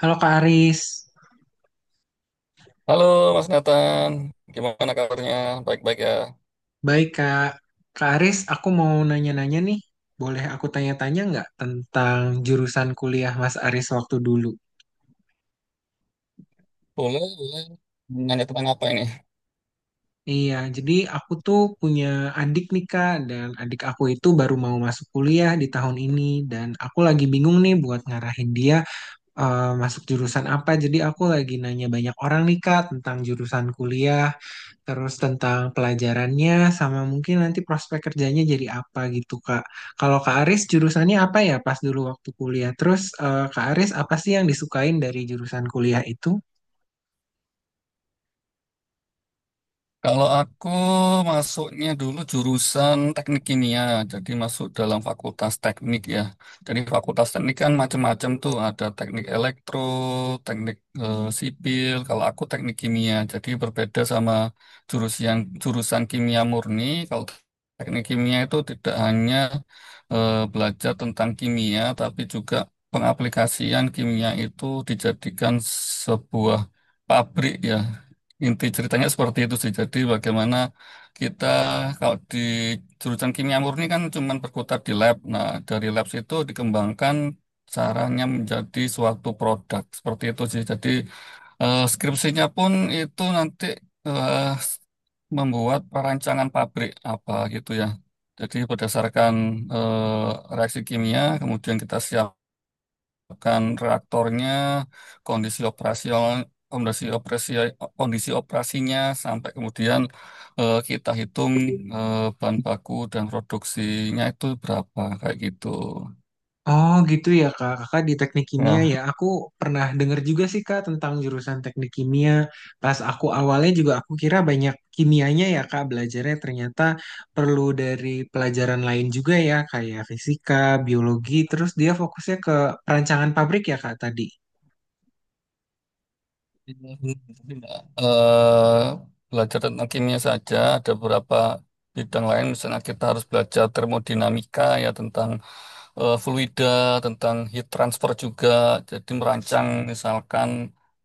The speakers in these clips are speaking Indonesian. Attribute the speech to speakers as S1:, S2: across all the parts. S1: Halo Kak Aris,
S2: Halo Mas Nathan, gimana kabarnya? Baik-baik ya?
S1: baik Kak. Kak Aris, aku mau nanya-nanya nih. Boleh aku tanya-tanya nggak tentang jurusan kuliah Mas Aris waktu dulu?
S2: Boleh, boleh. Nanya tentang apa ini?
S1: Iya, jadi aku tuh punya adik nih Kak, dan adik aku itu baru mau masuk kuliah di tahun ini, dan aku lagi bingung nih buat ngarahin dia masuk jurusan apa. Jadi aku lagi nanya banyak orang nih Kak tentang jurusan kuliah. Terus tentang pelajarannya sama mungkin nanti prospek kerjanya jadi apa gitu Kak. Kalau Kak Aris jurusannya apa ya pas dulu waktu kuliah? Terus Kak Aris apa sih yang disukain dari jurusan kuliah itu?
S2: Kalau aku masuknya dulu jurusan teknik kimia, jadi masuk dalam fakultas teknik ya. Jadi fakultas teknik kan macam-macam tuh, ada teknik elektro, teknik sipil. Kalau aku teknik kimia, jadi berbeda sama jurusan jurusan kimia murni. Kalau teknik kimia itu tidak hanya belajar tentang kimia, tapi juga pengaplikasian kimia itu dijadikan sebuah pabrik ya. Inti ceritanya seperti itu sih. Jadi bagaimana kita kalau di jurusan kimia murni kan cuma berkutat di lab. Nah, dari lab itu dikembangkan caranya menjadi suatu produk. Seperti itu sih. Jadi skripsinya pun itu nanti eh, membuat perancangan pabrik apa gitu ya. Jadi berdasarkan reaksi kimia, kemudian kita siap kan reaktornya, kondisi operasional, kondisi operasi, kondisi operasinya sampai kemudian kita hitung eh, bahan baku dan produksinya itu berapa kayak gitu.
S1: Oh gitu ya Kak, Kakak di teknik kimia
S2: Ya.
S1: ya. Aku pernah denger juga sih Kak tentang jurusan teknik kimia. Pas aku awalnya juga aku kira banyak kimianya ya Kak belajarnya ternyata perlu dari pelajaran lain juga ya kayak fisika, biologi. Terus dia fokusnya ke perancangan pabrik ya Kak tadi.
S2: Tidak, belajar tentang kimia saja, ada beberapa bidang lain, misalnya kita harus belajar termodinamika ya tentang fluida, tentang heat transfer juga, jadi merancang misalkan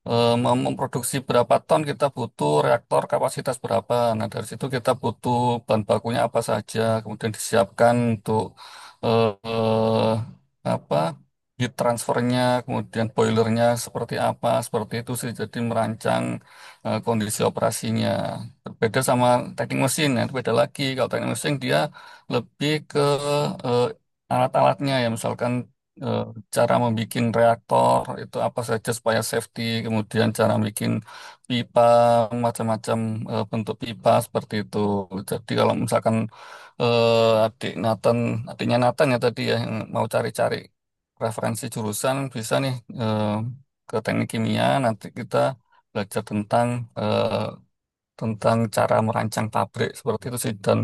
S2: memproduksi berapa ton kita butuh reaktor kapasitas berapa. Nah, dari situ kita butuh bahan bakunya apa saja, kemudian disiapkan untuk eh, apa? Heat transfernya, kemudian boilernya seperti apa, seperti itu sih. Jadi merancang kondisi operasinya. Berbeda sama teknik mesin, ya, itu beda lagi. Kalau teknik mesin dia lebih ke alat-alatnya ya, misalkan eh, cara membuat reaktor itu apa saja supaya safety, kemudian cara bikin pipa, macam-macam bentuk pipa seperti itu. Jadi kalau misalkan adik Nathan, adiknya Nathan ya tadi ya yang mau cari-cari referensi jurusan bisa nih eh, ke teknik kimia, nanti kita belajar tentang eh, tentang cara merancang pabrik seperti itu sih. Dan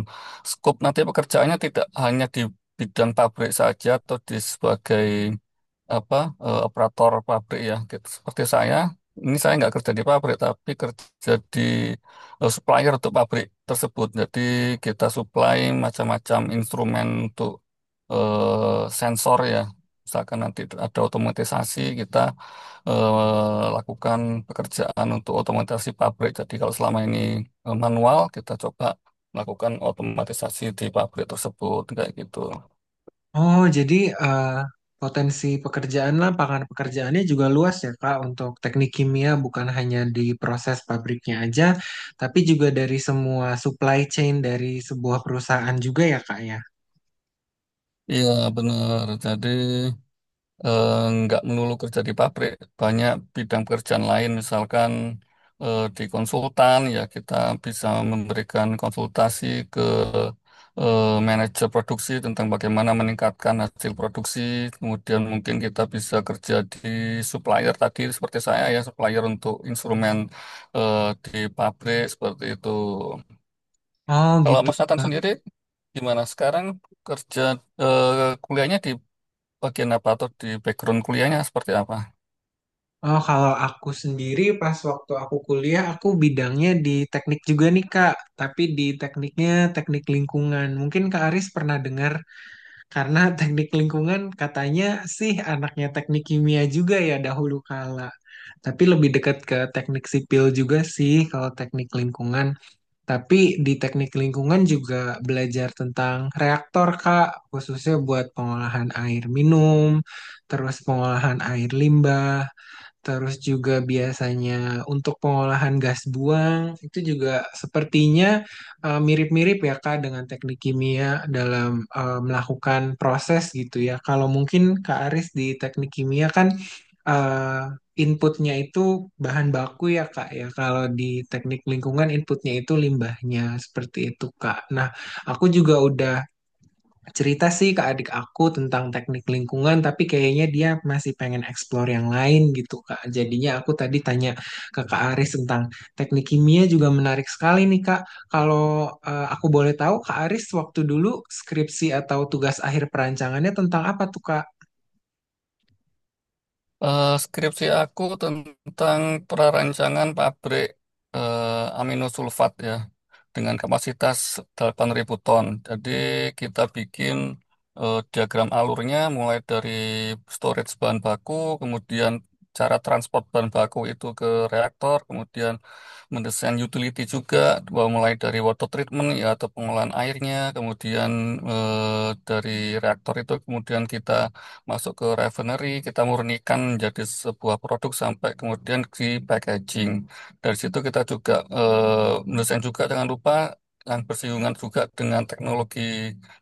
S2: skop nanti pekerjaannya tidak hanya di bidang pabrik saja atau di sebagai apa operator pabrik ya gitu. Seperti saya, ini saya nggak kerja di pabrik tapi kerja di supplier untuk pabrik tersebut. Jadi kita supply macam-macam instrumen untuk sensor ya. Misalkan nanti ada otomatisasi, kita lakukan pekerjaan untuk otomatisasi pabrik. Jadi kalau selama ini manual, kita coba lakukan otomatisasi di pabrik tersebut kayak gitu.
S1: Oh, jadi eh, potensi pekerjaan lapangan pekerjaannya juga luas ya, Kak, untuk teknik kimia bukan hanya di proses pabriknya aja, tapi juga dari semua supply chain dari sebuah perusahaan juga ya, Kak, ya.
S2: Iya benar. Jadi eh, nggak melulu kerja di pabrik, banyak bidang pekerjaan lain, misalkan di konsultan, ya kita bisa memberikan konsultasi ke eh, manajer produksi tentang bagaimana meningkatkan hasil produksi. Kemudian mungkin kita bisa kerja di supplier tadi, seperti saya ya, supplier untuk instrumen di pabrik seperti itu.
S1: Oh,
S2: Kalau
S1: gitu.
S2: Mas Nathan
S1: Kak.
S2: sendiri, gimana sekarang kerja kuliahnya di bagian apa, atau di background kuliahnya seperti apa?
S1: Oh, kalau aku sendiri pas waktu aku kuliah, aku bidangnya di teknik juga nih, Kak, tapi di tekniknya teknik lingkungan. Mungkin Kak Aris pernah dengar karena teknik lingkungan katanya sih anaknya teknik kimia juga ya dahulu kala. Tapi lebih dekat ke teknik sipil juga sih kalau teknik lingkungan. Tapi di teknik lingkungan juga belajar tentang reaktor, Kak, khususnya buat pengolahan air minum, terus pengolahan air limbah. Terus juga biasanya untuk pengolahan gas buang itu juga sepertinya mirip-mirip ya Kak dengan teknik kimia dalam melakukan proses gitu ya. Kalau mungkin Kak Aris di teknik kimia kan eh, inputnya itu bahan baku ya Kak ya. Kalau di teknik lingkungan inputnya itu limbahnya seperti itu Kak. Nah, aku juga udah cerita sih ke adik aku tentang teknik lingkungan, tapi kayaknya dia masih pengen explore yang lain gitu, Kak. Jadinya aku tadi tanya ke Kak Aris tentang teknik kimia juga menarik sekali nih, Kak. Kalau aku boleh tahu, Kak Aris waktu dulu skripsi atau tugas akhir perancangannya tentang apa tuh, Kak?
S2: Skripsi aku tentang prarancangan pabrik aminosulfat ya dengan kapasitas 8.000 ton. Jadi kita bikin diagram alurnya mulai dari storage bahan baku, kemudian cara transport bahan baku itu ke reaktor, kemudian mendesain utility juga, bahwa mulai dari water treatment ya atau pengolahan airnya, kemudian dari reaktor itu kemudian kita masuk ke refinery, kita murnikan menjadi sebuah produk sampai kemudian di packaging. Dari situ kita juga mendesain juga, jangan lupa, yang bersinggungan juga dengan teknologi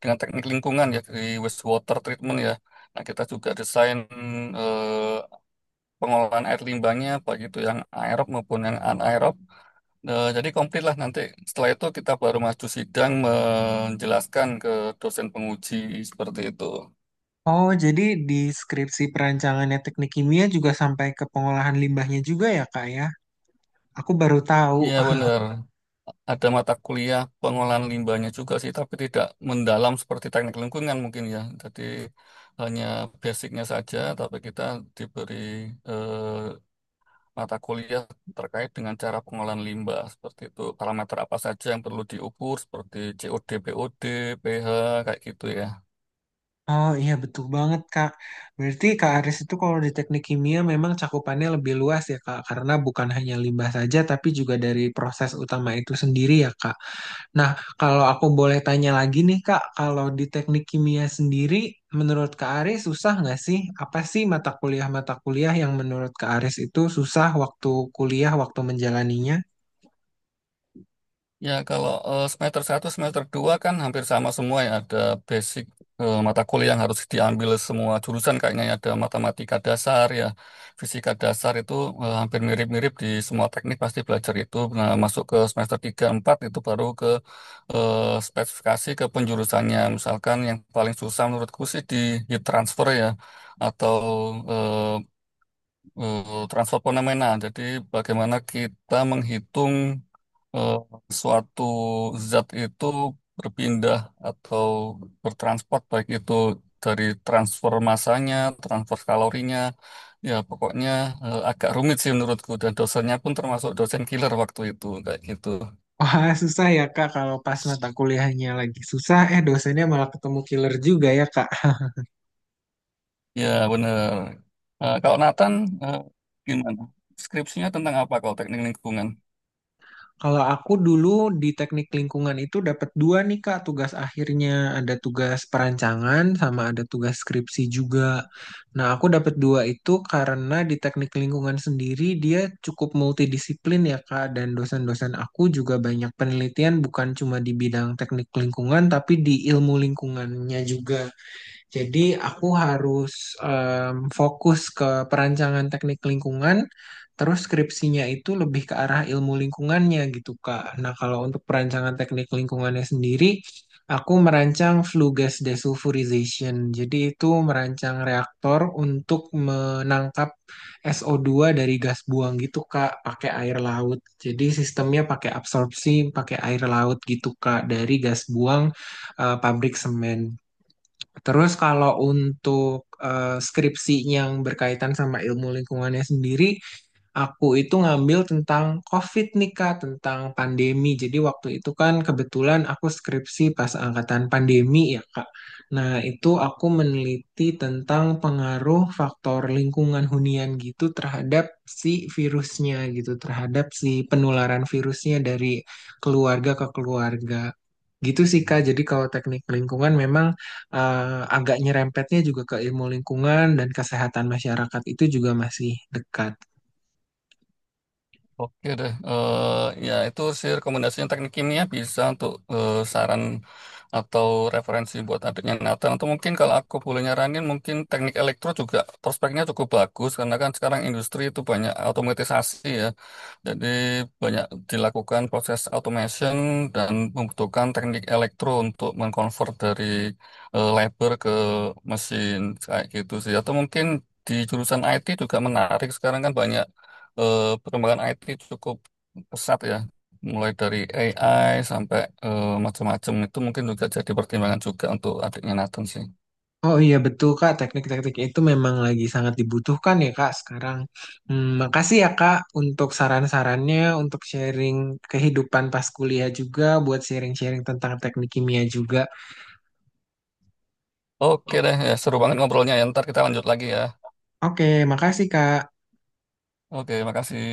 S2: dengan teknik lingkungan ya, di wastewater treatment ya. Nah, kita juga desain eh, pengolahan air limbahnya baik itu yang aerob maupun yang anaerob. Jadi komplit lah nanti. Setelah itu kita baru maju sidang menjelaskan ke dosen penguji seperti itu.
S1: Oh, jadi di skripsi perancangannya teknik kimia juga sampai ke pengolahan limbahnya juga ya, Kak ya? Aku baru tahu.
S2: Iya benar. Ada mata kuliah pengolahan limbahnya juga sih, tapi tidak mendalam seperti teknik lingkungan mungkin ya. Jadi hanya basicnya saja, tapi kita diberi eh, mata kuliah terkait dengan cara pengolahan limbah seperti itu. Parameter apa saja yang perlu diukur seperti COD, BOD, pH kayak gitu ya.
S1: Oh iya betul banget Kak. Berarti Kak Aris itu kalau di teknik kimia memang cakupannya lebih luas ya Kak, karena bukan hanya limbah saja tapi juga dari proses utama itu sendiri ya Kak. Nah, kalau aku boleh tanya lagi nih Kak, kalau di teknik kimia sendiri menurut Kak Aris susah nggak sih? Apa sih mata kuliah-mata kuliah yang menurut Kak Aris itu susah waktu kuliah, waktu menjalaninya?
S2: Ya, kalau semester satu, semester 2 kan hampir sama semua ya. Ada basic mata kuliah yang harus diambil semua jurusan. Kayaknya ya. Ada matematika dasar ya, fisika dasar itu hampir mirip-mirip di semua teknik, pasti belajar itu. Nah, masuk ke semester 3, 4 itu baru ke eh, spesifikasi ke penjurusannya. Misalkan yang paling susah menurutku sih di heat transfer ya, atau eh, transfer fenomenal. Jadi bagaimana kita menghitung eh, suatu zat itu berpindah atau bertransport, baik itu dari transfer masanya, transfer kalorinya, ya pokoknya agak rumit sih menurutku, dan dosennya pun termasuk dosen killer waktu itu kayak gitu.
S1: Wah, susah ya Kak kalau pas mata kuliahnya lagi susah, eh dosennya malah ketemu killer juga ya Kak.
S2: Ya benar. Kalau Nathan eh, gimana? Skripsinya tentang apa kalau teknik lingkungan?
S1: Kalau aku dulu di teknik lingkungan itu dapat dua nih Kak tugas akhirnya. Ada tugas perancangan sama ada tugas skripsi juga. Nah aku dapat dua itu karena di teknik lingkungan sendiri dia cukup multidisiplin ya Kak. Dan dosen-dosen aku juga banyak penelitian bukan cuma di bidang teknik lingkungan tapi di ilmu lingkungannya juga. Jadi aku harus fokus ke perancangan teknik lingkungan, terus skripsinya itu lebih ke arah ilmu lingkungannya gitu Kak. Nah kalau untuk perancangan teknik lingkungannya sendiri, aku merancang flue gas desulfurization. Jadi itu merancang reaktor untuk menangkap SO2 dari gas buang gitu Kak, pakai air laut. Jadi sistemnya pakai absorpsi, pakai air laut gitu Kak, dari gas buang pabrik semen. Terus kalau untuk skripsi yang berkaitan sama ilmu lingkungannya sendiri, aku itu ngambil tentang COVID nih Kak, tentang pandemi. Jadi waktu itu kan kebetulan aku skripsi pas angkatan pandemi ya Kak. Nah itu aku meneliti tentang pengaruh faktor lingkungan hunian gitu terhadap si virusnya gitu, terhadap si penularan virusnya dari keluarga ke keluarga. Gitu sih Kak, jadi kalau teknik lingkungan memang agak nyerempetnya juga ke ilmu lingkungan dan kesehatan masyarakat itu juga masih dekat.
S2: Oke deh. Ya itu sih rekomendasinya, teknik kimia bisa untuk saran atau referensi buat adiknya Nathan. Atau mungkin kalau aku boleh nyaranin, mungkin teknik elektro juga prospeknya cukup bagus, karena kan sekarang industri itu banyak otomatisasi ya. Jadi banyak dilakukan proses automation dan membutuhkan teknik elektro untuk mengkonvert dari labor ke mesin kayak gitu sih. Atau mungkin di jurusan IT juga menarik. Sekarang kan banyak perkembangan IT cukup pesat ya. Mulai dari AI sampai macam-macam, itu mungkin juga jadi pertimbangan juga untuk adiknya Nathan sih.
S1: Oh iya betul Kak, teknik-teknik itu memang lagi sangat dibutuhkan ya Kak sekarang. Hmm, makasih ya Kak untuk saran-sarannya, untuk sharing kehidupan pas kuliah juga, buat sharing-sharing tentang teknik kimia juga.
S2: Oke deh, ya, seru banget ngobrolnya ya. Ntar kita lanjut lagi ya.
S1: Oke, makasih Kak.
S2: Oke, makasih.